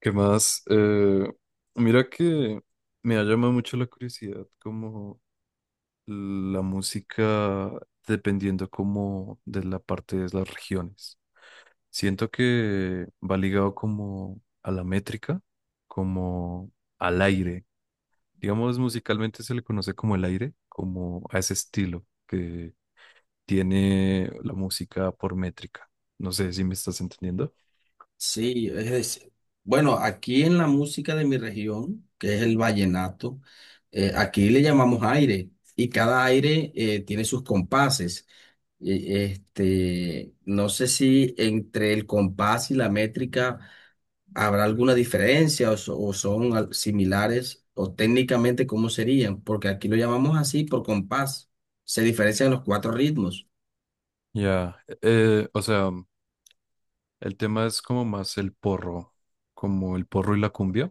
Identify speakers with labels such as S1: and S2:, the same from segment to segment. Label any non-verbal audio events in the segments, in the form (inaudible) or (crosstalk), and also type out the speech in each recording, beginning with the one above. S1: ¿Qué más? Mira que me ha llamado mucho la curiosidad como la música dependiendo como de la parte de las regiones. Siento que va ligado como a la métrica, como al aire. Digamos, musicalmente se le conoce como el aire, como a ese estilo que tiene la música por métrica. No sé si me estás entendiendo.
S2: Sí, es decir, bueno, aquí en la música de mi región, que es el vallenato, aquí le llamamos aire y cada aire tiene sus compases. No sé si entre el compás y la métrica habrá alguna diferencia o, o son similares o técnicamente cómo serían, porque aquí lo llamamos así por compás. Se diferencian los cuatro ritmos,
S1: Ya, o sea... El tema es como más el porro, como el porro y la cumbia.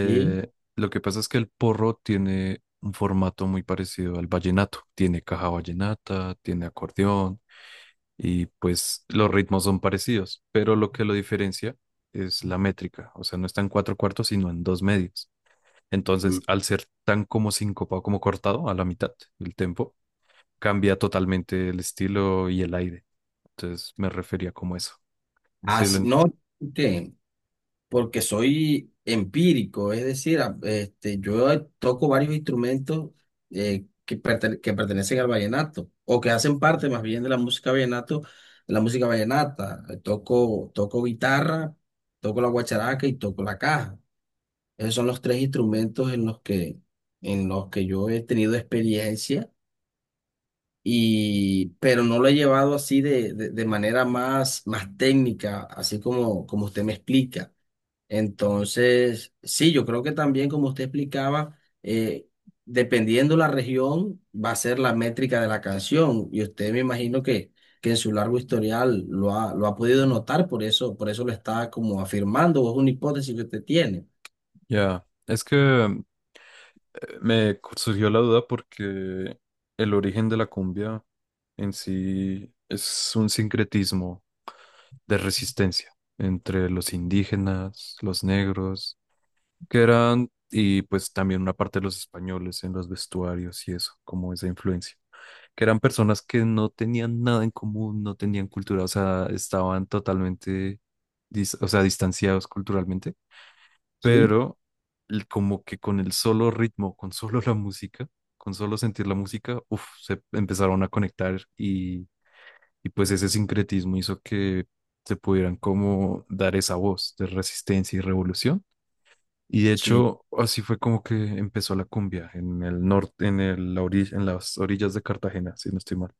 S2: ¿sí?
S1: Lo que pasa es que el porro tiene un formato muy parecido al vallenato. Tiene caja vallenata, tiene acordeón y pues los ritmos son parecidos, pero lo que lo diferencia es la métrica. O sea, no está en cuatro cuartos, sino en dos medios.
S2: Mm.
S1: Entonces, al ser tan como sincopado, como cortado a la mitad del tempo, cambia totalmente el estilo y el aire. Entonces, me refería como eso. Sí,
S2: Así, no, ¿qué? Porque soy empírico, es decir, este, yo toco varios instrumentos que, que pertenecen al vallenato o que hacen parte más bien de la música vallenato, de la música vallenata. Toco guitarra, toco la guacharaca y toco la caja. Esos son los tres instrumentos en los que yo he tenido experiencia. Y, pero no lo he llevado así de manera más, más técnica, así como, como usted me explica. Entonces, sí, yo creo que también, como usted explicaba, eh, dependiendo la región, va a ser la métrica de la canción. Y usted me imagino que en su largo historial lo ha podido notar, por eso lo está como afirmando, o es una hipótesis que usted tiene.
S1: ya. Es que eh, me surgió la duda porque el origen de la cumbia en sí es un sincretismo de resistencia entre los indígenas, los negros, que eran, y pues también una parte de los españoles en los vestuarios y eso, como esa influencia, que eran personas que no tenían nada en común, no tenían cultura, o sea, estaban totalmente, o sea, distanciados culturalmente,
S2: Sí.
S1: pero como que con el solo ritmo, con solo la música, con solo sentir la música, uf, se empezaron a conectar, y pues ese sincretismo hizo que se pudieran como dar esa voz de resistencia y revolución. Y de
S2: Sí.
S1: hecho, así fue como que empezó la cumbia en el norte, en el, la en las orillas de Cartagena, si no estoy mal.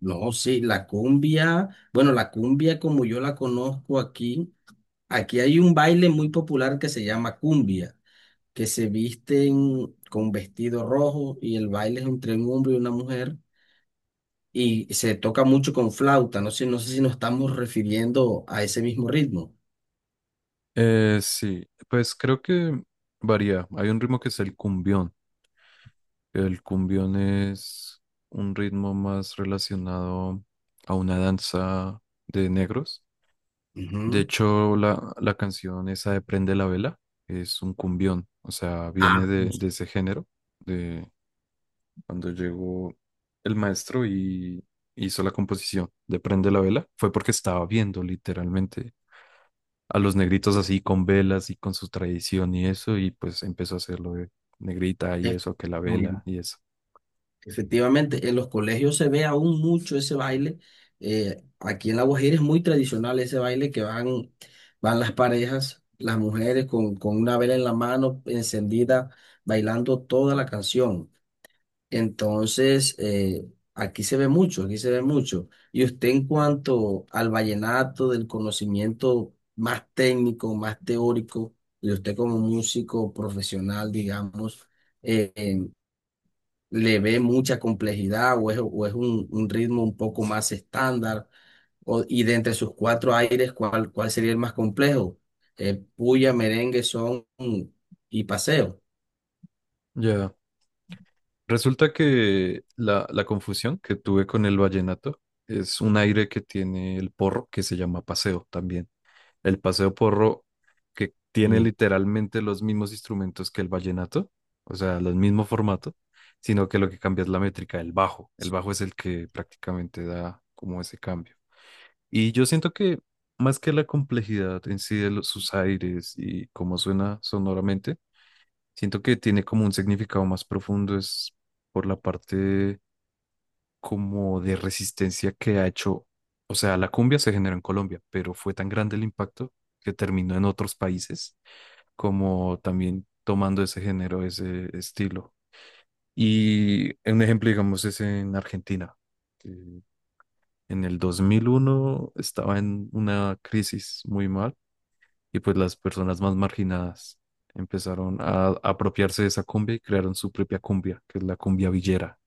S2: No, sí, la cumbia, bueno, la cumbia como yo la conozco aquí, aquí hay un baile muy popular que se llama cumbia, que se visten con vestido rojo y el baile es entre un hombre y una mujer y se toca mucho con flauta. No sé, no sé si nos estamos refiriendo a ese mismo ritmo.
S1: Sí, pues creo que varía. Hay un ritmo que es el cumbión. El cumbión es un ritmo más relacionado a una danza de negros. De
S2: Ujú.
S1: hecho, la canción esa de Prende la Vela es un cumbión, o sea,
S2: Ah,
S1: viene de ese género, de cuando llegó el maestro y hizo la composición de Prende la Vela, fue porque estaba viendo literalmente a los negritos así con velas y con su tradición y eso, y pues empezó a hacerlo de negrita y eso, que la vela
S2: efectivamente.
S1: y eso.
S2: Efectivamente, en los colegios se ve aún mucho ese baile. Aquí en La Guajira es muy tradicional ese baile que van, van las parejas, las mujeres con una vela en la mano encendida, bailando toda la canción. Entonces, aquí se ve mucho, aquí se ve mucho. Y usted en cuanto al vallenato, del conocimiento más técnico, más teórico, y usted como músico profesional, digamos, eh, eh, ¿le ve mucha complejidad o es un ritmo un poco más estándar? Y de entre sus cuatro aires, ¿cuál, cuál sería el más complejo? Puya, merengue, son y paseo.
S1: Ya. Resulta que la confusión que tuve con el vallenato es un aire que tiene el porro que se llama paseo también. El paseo porro que tiene
S2: Y,
S1: literalmente los mismos instrumentos que el vallenato, o sea, el mismo formato, sino que lo que cambia es la métrica, el bajo. El bajo es el que prácticamente da como ese cambio. Y yo siento que más que la complejidad en sí de sus aires y cómo suena sonoramente, siento que tiene como un significado más profundo, es por la parte como de resistencia que ha hecho, o sea, la cumbia se generó en Colombia, pero fue tan grande el impacto que terminó en otros países, como también tomando ese género, ese estilo. Y un ejemplo, digamos, es en Argentina, que en el 2001 estaba en una crisis muy mal y pues las personas más marginadas empezaron a apropiarse de esa cumbia y crearon su propia cumbia, que es la cumbia villera.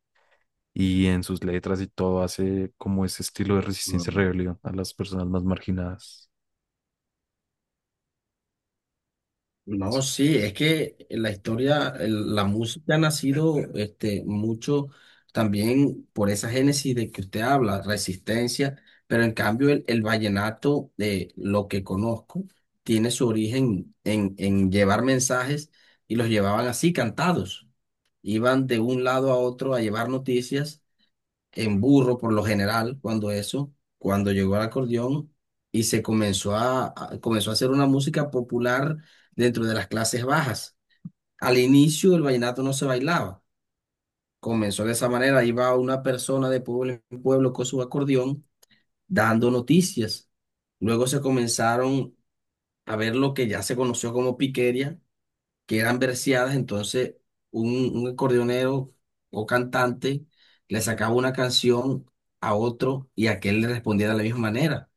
S1: Y en sus letras y todo hace como ese estilo de resistencia y rebelión a las personas más marginadas.
S2: no, sí, es que la historia, la música ha nacido este, mucho también por esa génesis de que usted habla, resistencia, pero en cambio el vallenato, de lo que conozco, tiene su origen en llevar mensajes y los llevaban así, cantados. Iban de un lado a otro a llevar noticias en burro por lo general, cuando eso, cuando llegó el acordeón y se comenzó a, comenzó a hacer una música popular dentro de las clases bajas. Al inicio el vallenato no se bailaba, comenzó de esa manera, iba una persona de pueblo en pueblo con su acordeón dando noticias. Luego se comenzaron a ver lo que ya se conoció como piquería, que eran verseadas, entonces un acordeonero o cantante le sacaba una canción a otro y aquel le respondía de la misma manera.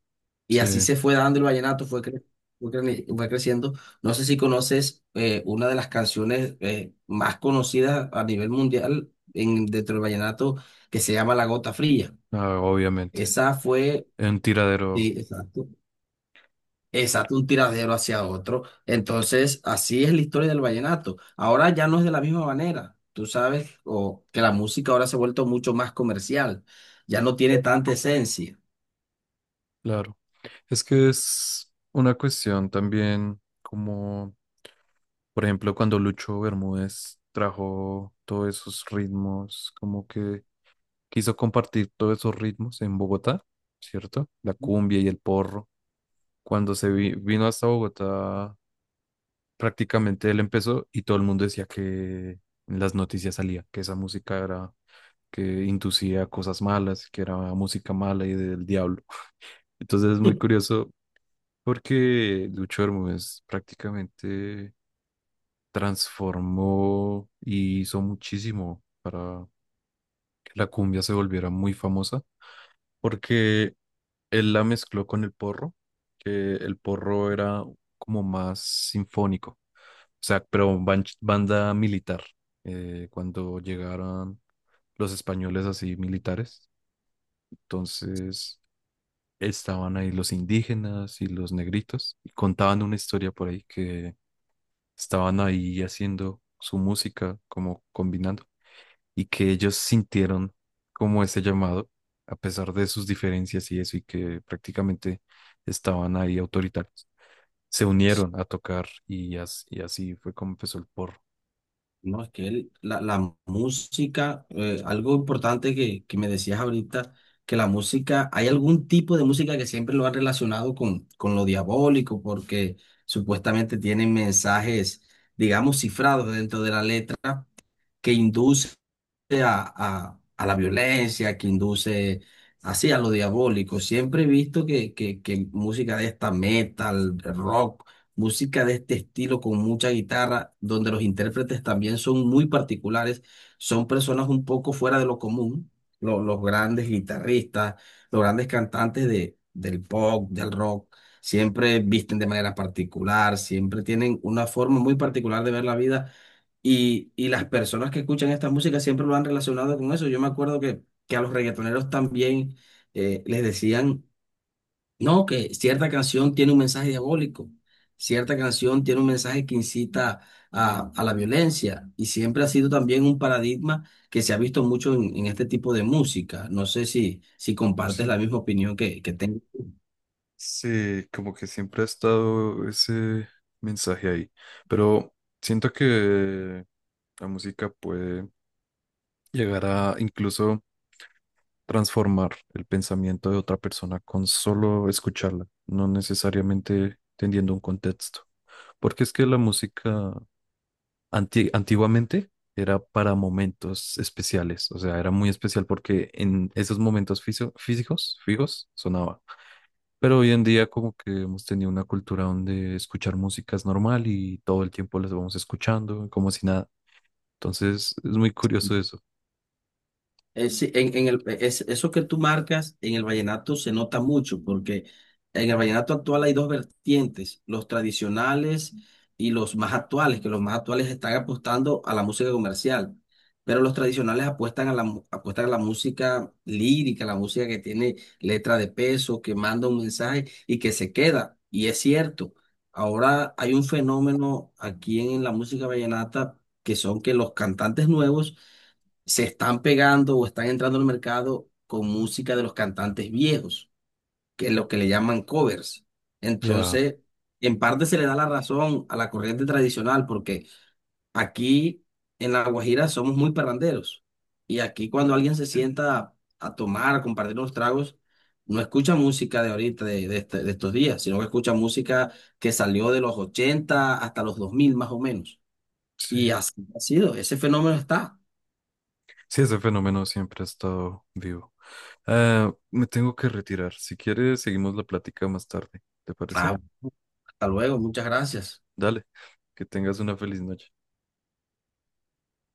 S2: Y así
S1: Sí,
S2: se fue dando el vallenato, fue creciendo. No sé si conoces una de las canciones más conocidas a nivel mundial en, dentro del vallenato, que se llama La Gota Fría.
S1: ah, obviamente.
S2: Esa fue,
S1: En tiradero,
S2: sí, exacto. Exacto, un tiradero hacia otro. Entonces, así es la historia del vallenato. Ahora ya no es de la misma manera. Tú sabes, o que la música ahora se ha vuelto mucho más comercial. Ya no tiene tanta esencia.
S1: claro. Es que es una cuestión también como... Por ejemplo, cuando Lucho Bermúdez trajo todos esos ritmos, como que quiso compartir todos esos ritmos en Bogotá, ¿cierto? La cumbia y el porro. Cuando se vino hasta Bogotá, prácticamente él empezó y todo el mundo decía que en las noticias salía, que esa música era, que inducía cosas malas, que era música mala y del diablo. Entonces es muy
S2: (laughs)
S1: curioso porque Lucho Bermúdez prácticamente transformó y hizo muchísimo para que la cumbia se volviera muy famosa, porque él la mezcló con el porro, que el porro era como más sinfónico, o sea, pero banda militar, cuando llegaron los españoles así militares, entonces estaban ahí los indígenas y los negritos y contaban una historia por ahí que estaban ahí haciendo su música, como combinando, y que ellos sintieron como ese llamado, a pesar de sus diferencias y eso, y que prácticamente estaban ahí autoritarios. Se unieron a tocar y, y así fue como empezó el porro.
S2: No, es que la, la música, algo importante que me decías ahorita, que la música, hay algún tipo de música que siempre lo han relacionado con lo diabólico, porque supuestamente tienen mensajes, digamos, cifrados dentro de la letra que induce a, a la violencia, que induce así a lo diabólico. Siempre he visto que música de esta metal, rock, música de este estilo con mucha guitarra, donde los intérpretes también son muy particulares, son personas un poco fuera de lo común, los grandes guitarristas, los grandes cantantes de, del pop, del rock. Siempre visten de manera particular, siempre tienen una forma muy particular de ver la vida y las personas que escuchan esta música siempre lo han relacionado con eso. Yo me acuerdo que a los reggaetoneros también les decían, no, que cierta canción tiene un mensaje diabólico, cierta canción tiene un mensaje que incita a la violencia. Y siempre ha sido también un paradigma que se ha visto mucho en este tipo de música. No sé si, si compartes
S1: Sí.
S2: la misma opinión que tengo.
S1: Sí, como que siempre ha estado ese mensaje ahí, pero siento que la música puede llegar a incluso transformar el pensamiento de otra persona con solo escucharla, no necesariamente teniendo un contexto. Porque es que la música antiguamente era para momentos especiales, o sea, era muy especial porque en esos momentos físicos, fijos, sonaba. Pero hoy en día como que hemos tenido una cultura donde escuchar música es normal y todo el tiempo las vamos escuchando, como si nada. Entonces es muy curioso eso.
S2: Sí, en el, eso que tú marcas en el vallenato se nota mucho, porque en el vallenato actual hay dos vertientes, los tradicionales y los más actuales, que los más actuales están apostando a la música comercial, pero los tradicionales apuestan a la, apuestan a la música lírica, la música que tiene letra de peso, que manda un mensaje y que se queda. Y es cierto, ahora hay un fenómeno aquí en la música vallenata, que son que los cantantes nuevos se están pegando o están entrando al mercado con música de los cantantes viejos, que es lo que le llaman covers.
S1: Ya,
S2: Entonces, en parte se le da la razón a la corriente tradicional porque aquí en La Guajira somos muy parranderos y aquí cuando alguien se sienta a tomar, a compartir unos tragos, no escucha música de ahorita, de, de estos días, sino que escucha música que salió de los 80 hasta los 2000 más o menos.
S1: sí.
S2: Y así ha sido, ese fenómeno está.
S1: Sí, ese fenómeno siempre ha estado vivo. Ah, me tengo que retirar. Si quieres, seguimos la plática más tarde. ¿Te parece?
S2: Hasta luego, muchas gracias.
S1: Dale, que tengas una feliz noche.